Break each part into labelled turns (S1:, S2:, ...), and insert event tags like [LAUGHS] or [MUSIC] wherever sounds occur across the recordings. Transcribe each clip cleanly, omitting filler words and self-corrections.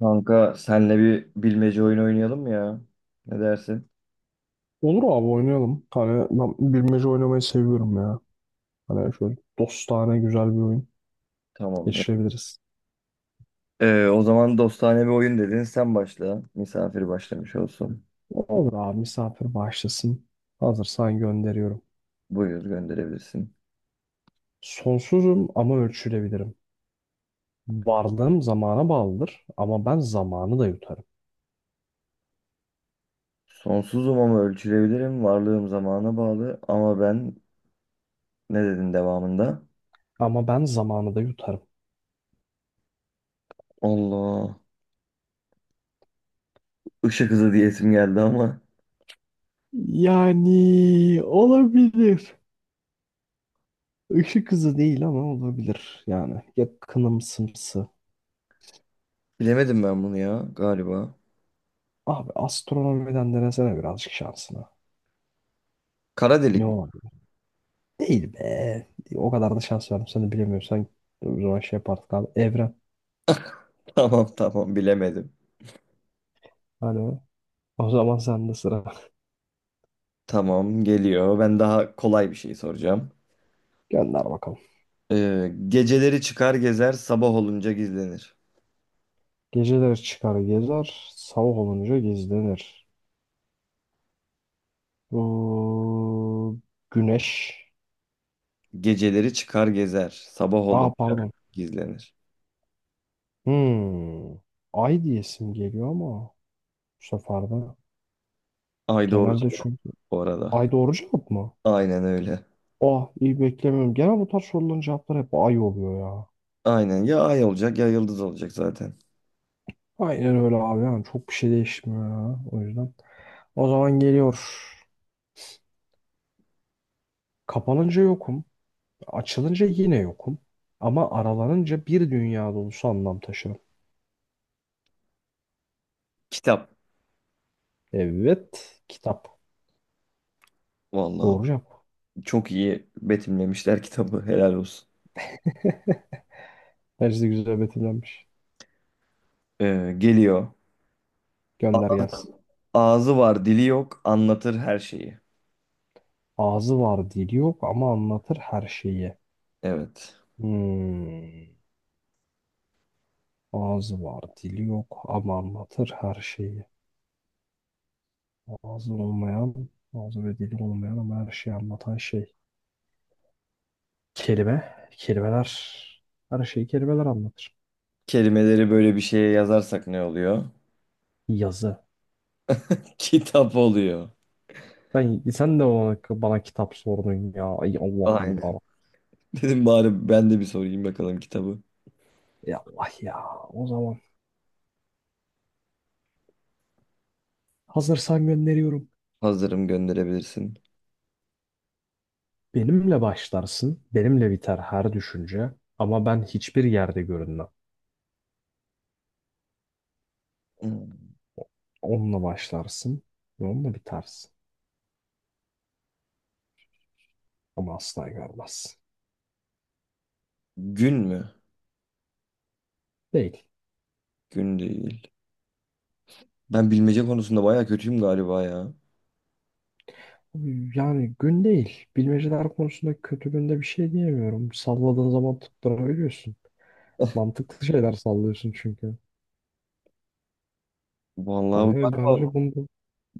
S1: Kanka senle bir bilmece oyun oynayalım mı ya? Ne dersin?
S2: Olur abi oynayalım. Ben bilmece oynamayı seviyorum ya. Hani şöyle dostane güzel bir oyun
S1: Tamamdır.
S2: geçirebiliriz.
S1: O zaman dostane bir oyun dedin. Sen başla. Misafir başlamış olsun.
S2: Olur abi misafir başlasın. Hazırsan gönderiyorum.
S1: Buyur gönderebilirsin.
S2: Sonsuzum ama ölçülebilirim. Varlığım zamana bağlıdır ama ben zamanı da yutarım.
S1: Sonsuzum ama ölçülebilirim. Varlığım zamana bağlı. Ama ben ne dedin devamında?
S2: Ama ben zamanı da yutarım.
S1: Allah. Işık hızı diyesim geldi ama.
S2: Yani olabilir. Işık hızı değil ama olabilir. Yani yakınımsımsı.
S1: Bilemedim ben bunu ya galiba.
S2: Abi astronomiden denesene birazcık şansına.
S1: Kara
S2: Ne
S1: delik mi?
S2: olabilir? Değil be. O kadar da şans verdim. Sen de bilemiyorsan o zaman şey yapardık abi. Evren.
S1: [LAUGHS] Tamam tamam bilemedim.
S2: Hani o zaman sende sıra. [LAUGHS]
S1: Tamam geliyor. Ben daha kolay bir şey soracağım.
S2: Gönder bakalım.
S1: Geceleri çıkar gezer, sabah olunca gizlenir.
S2: Geceleri çıkar gezer. Sabah olunca gizlenir. Bu güneş.
S1: Geceleri çıkar gezer, sabah
S2: Aa,
S1: olunca
S2: pardon.
S1: gizlenir.
S2: Hmm. Ay diyesim geliyor ama bu sefer de.
S1: Ay doğru
S2: Genelde
S1: cevap
S2: çünkü.
S1: bu arada.
S2: Ay doğru cevap mı?
S1: Aynen öyle.
S2: Ah, iyi beklemiyorum. Genel bu tarz soruların cevapları hep ay oluyor ya.
S1: Aynen ya ay olacak ya yıldız olacak zaten.
S2: Aynen öyle abi. Yani çok bir şey değişmiyor ya. O yüzden. O zaman geliyor. Kapanınca yokum. Açılınca yine yokum. Ama aralanınca bir dünya dolusu anlam taşırım.
S1: Kitap.
S2: Evet. Kitap.
S1: Vallahi
S2: Doğru cevap.
S1: çok iyi betimlemişler kitabı. Helal olsun.
S2: [LAUGHS] Bence güzel betimlenmiş.
S1: Geliyor. A-
S2: Gönder gelsin.
S1: Ağzı var, dili yok, anlatır her şeyi.
S2: Ağzı var dili yok ama anlatır her şeyi.
S1: Evet.
S2: Hmm. Ağzı var dili yok ama anlatır her şeyi. Ağzı olmayan, ağzı ve dili olmayan ama her şeyi anlatan şey. Kelime. Kelimeler. Her şeyi kelimeler anlatır.
S1: Kelimeleri böyle bir şeye yazarsak ne oluyor?
S2: Yazı.
S1: [LAUGHS] Kitap oluyor.
S2: Sen de bana kitap sordun ya. Ay Allah'ım
S1: Aynen.
S2: ya.
S1: Dedim bari ben de bir sorayım bakalım kitabı.
S2: Ey Allah ya. O zaman hazırsan gönderiyorum.
S1: Hazırım gönderebilirsin.
S2: Benimle başlarsın. Benimle biter her düşünce. Ama ben hiçbir yerde görünmem.
S1: Hmm.
S2: Onunla başlarsın. Ve onunla bitersin. Ama asla görmezsin.
S1: Gün mü?
S2: Değil.
S1: Gün değil. Ben bilmece konusunda bayağı kötüyüm galiba ya.
S2: Yani gün değil. Bilmeceler konusunda kötü günde bir şey diyemiyorum. Salladığın zaman tutturabiliyorsun.
S1: [LAUGHS]
S2: Mantıklı şeyler sallıyorsun çünkü.
S1: Vallahi
S2: Aynen
S1: galiba
S2: bence bunu.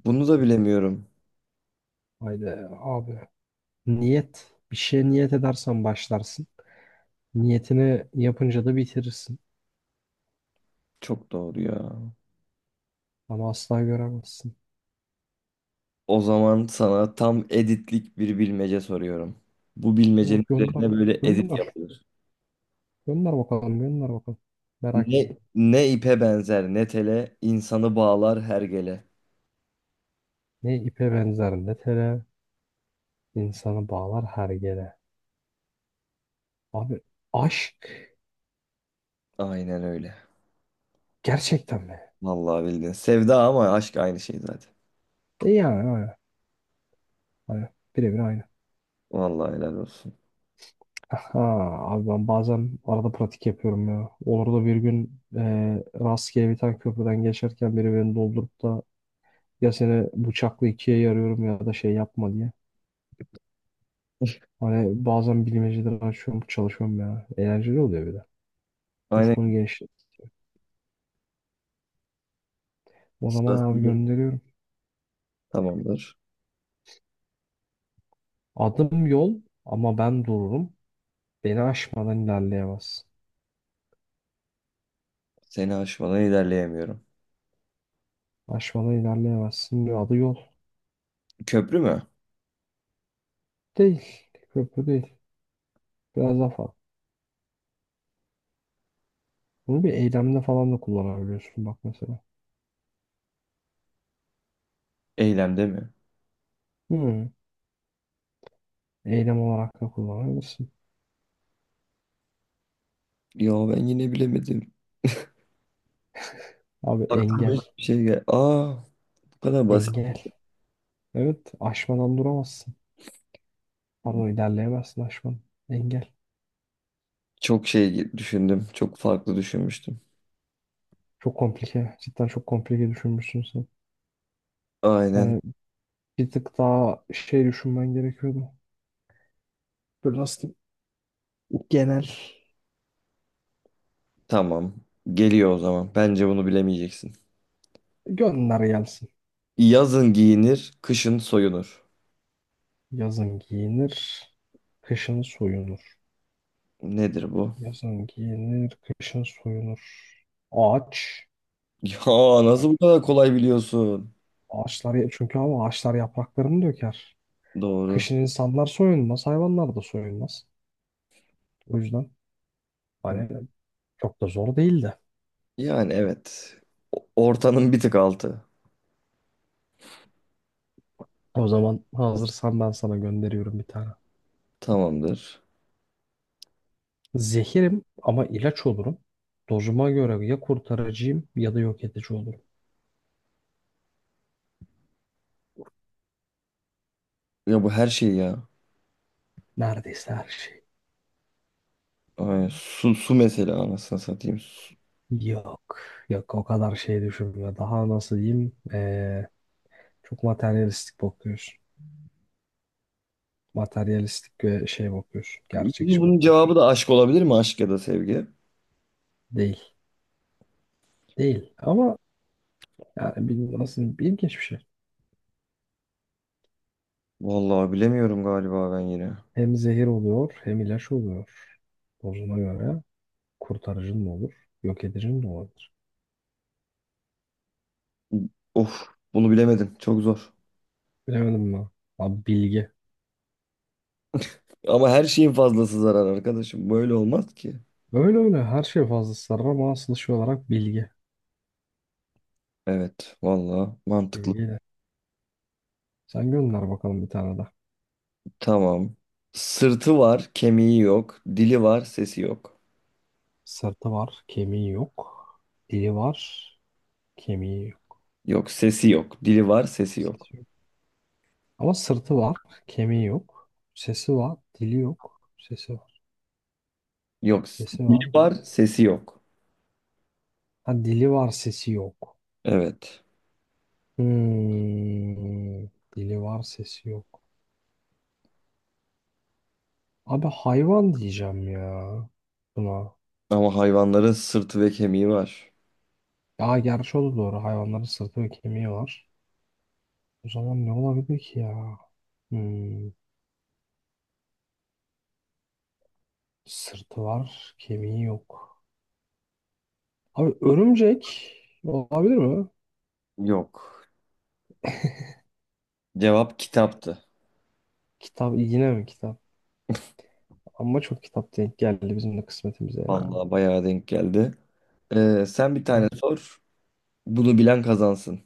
S1: bunu da bilemiyorum.
S2: Haydi abi. Niyet. Bir şeye niyet edersen başlarsın. Niyetini yapınca da bitirirsin.
S1: Çok doğru ya.
S2: Ama asla göremezsin.
S1: O zaman sana tam editlik bir bilmece soruyorum. Bu
S2: O
S1: bilmecenin
S2: gönder.
S1: üzerine böyle edit
S2: Gönder.
S1: yapılır.
S2: Gönder bakalım. Merak
S1: Ne,
S2: ettim.
S1: ne ipe benzer ne tele, insanı bağlar hergele.
S2: Ne ipe benzer ne tele, insanı bağlar her yere. Abi aşk,
S1: Aynen öyle.
S2: gerçekten mi?
S1: Vallahi bildin. Sevda ama aşk aynı şey zaten.
S2: E yani aynen. Aynen. Birebir aynı.
S1: Vallahi helal olsun.
S2: Aha, abi ben bazen arada pratik yapıyorum ya. Olur da bir gün rastgele bir tane köprüden geçerken biri beni doldurup da, ya seni bıçakla ikiye yarıyorum ya da şey yapma diye. Hani bazen bilmeceleri açıyorum, çalışıyorum ya. Eğlenceli oluyor bir de.
S1: Aynen.
S2: Ufkunu genişletiyor. O zaman abi
S1: Sırası-
S2: gönderiyorum.
S1: Tamamdır.
S2: Adım yol ama ben dururum. Beni aşmadan ilerleyemezsin.
S1: Seni aşmadan ilerleyemiyorum.
S2: Aşmadan ilerleyemezsin diyor. Adı yol.
S1: Köprü mü?
S2: Değil. Köprü değil. Biraz daha farklı. Bunu bir eylemde falan da kullanabiliyorsun bak mesela.
S1: Eylemde mi?
S2: Hmm. Eylem olarak da kullanabilirsin.
S1: Ya ben yine bilemedim.
S2: Abi
S1: Aklıma
S2: engel.
S1: hiçbir şey gel. Aa, bu kadar basit.
S2: Engel. Evet. Aşmadan duramazsın. Pardon, ilerleyemezsin aşkım. Engel.
S1: Çok şey düşündüm. Çok farklı düşünmüştüm.
S2: Çok komplike. Cidden çok komplike düşünmüşsün sen.
S1: Aynen.
S2: Hani bir tık daha şey düşünmen gerekiyordu. Böyle nasıl diyeyim, genel.
S1: Tamam. Geliyor o zaman. Bence bunu bilemeyeceksin.
S2: Gönder gelsin.
S1: Yazın giyinir, kışın soyunur.
S2: Yazın giyinir, kışın soyunur.
S1: Nedir bu? [LAUGHS]
S2: Yazın giyinir, kışın soyunur. Ağaç.
S1: Ya nasıl
S2: Yani
S1: bu kadar kolay biliyorsun?
S2: ağaçlar çünkü, ama ağaçlar yapraklarını döker.
S1: Doğru.
S2: Kışın insanlar soyunmaz, hayvanlar da soyunmaz. O yüzden
S1: Doğru.
S2: hani çok da zor değildi.
S1: Yani evet. Ortanın bir tık altı.
S2: O zaman hazırsan ben sana gönderiyorum bir tane.
S1: Tamamdır.
S2: Zehirim ama ilaç olurum. Dozuma göre ya kurtarıcıyım ya da yok edici olurum.
S1: Ya bu her şey ya.
S2: Neredeyse her şey.
S1: Aynen. Su, su mesela anasını satayım.
S2: Yok. Yok, o kadar şey düşünme. Daha nasıl diyeyim? Çok materyalistik bakıyorsun. Materyalistik ve şey bakıyorsun.
S1: Bunun,
S2: Gerçekçi
S1: bunun
S2: bakıyorsun.
S1: cevabı da aşk olabilir mi? Aşk ya da sevgi.
S2: Değil. Değil. Ama yani bir, nasıl diyeyim, ilginç bir şey.
S1: Vallahi bilemiyorum galiba ben yine.
S2: Hem zehir oluyor hem ilaç oluyor. Dozuna göre kurtarıcın da olur. Yok edicin de olur.
S1: Of bunu bilemedim. Çok zor.
S2: Bilemedim mi? Abi bilgi.
S1: Ama her şeyin fazlası zarar arkadaşım. Böyle olmaz ki.
S2: Öyle öyle her şey fazla sarı ama asıl şey olarak bilgi.
S1: Evet vallahi mantıklı.
S2: Bilgiyle. Sen gönder bakalım bir tane de.
S1: Tamam. Sırtı var, kemiği yok. Dili var, sesi yok.
S2: Sırtı var, kemiği yok. Dili var, kemiği yok.
S1: Yok sesi yok. Dili var, sesi yok.
S2: Sesi yok. Ama sırtı var, kemiği yok. Sesi var, dili yok. Sesi var. Sesi var.
S1: Dili var, sesi yok.
S2: Ha, dili var, sesi yok.
S1: Evet.
S2: Hmm. Dili var, sesi yok. Abi hayvan diyeceğim ya buna.
S1: Ama hayvanların sırtı ve kemiği var.
S2: Ya gerçi o da doğru. Hayvanların sırtı ve kemiği var. O zaman ne olabilir ki ya? Hmm, sırtı var, kemiği yok. Abi örümcek olabilir mi?
S1: Yok. Cevap kitaptı.
S2: Kitap, yine mi kitap? Ama çok kitap denk geldi bizim de kısmetimize ya.
S1: Vallahi bayağı denk geldi. Sen bir tane
S2: Tamam.
S1: sor. Bunu bilen kazansın.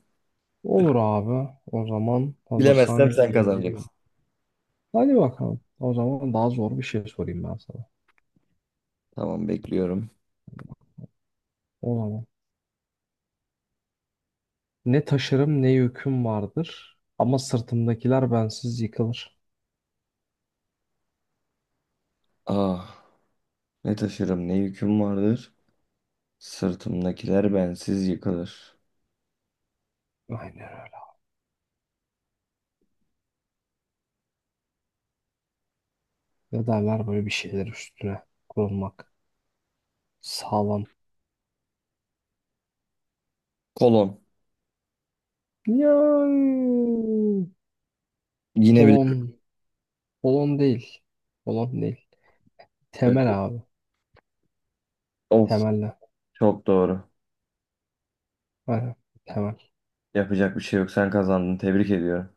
S2: Olur abi. O zaman
S1: Bilemezsem
S2: hazırsan
S1: sen
S2: geliyor.
S1: kazanacaksın.
S2: Hadi bakalım. O zaman daha zor bir şey sorayım ben sana.
S1: Tamam bekliyorum.
S2: O zaman. Ne taşırım ne yüküm vardır. Ama sırtımdakiler bensiz yıkılır.
S1: Ah ne taşırım ne yüküm vardır. Sırtımdakiler bensiz yıkılır.
S2: Aynen öyle. Ne derler böyle, bir şeyler üstüne kurulmak. Sağlam.
S1: Kolon.
S2: Yani
S1: Yine bile.
S2: kolon, kolon değil. Kolon değil.
S1: [LAUGHS]
S2: Temel abi.
S1: Of
S2: Temelle.
S1: çok doğru.
S2: Aynen. Temel.
S1: Yapacak bir şey yok, sen kazandın, tebrik ediyorum.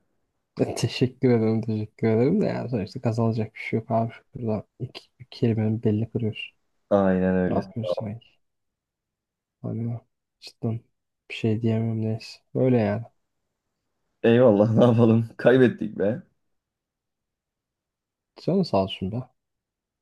S2: E, [LAUGHS] Teşekkür ederim de yani sonuçta kazanacak bir şey yok abi. Şurada bir kelimenin belli kırıyoruz.
S1: Aynen
S2: Ne
S1: öyle.
S2: yapıyoruz sanki? Hani cidden bir şey diyemem, neyse. Öyle yani.
S1: Eyvallah [LAUGHS] ne yapalım kaybettik be.
S2: Canın sağ olsun be.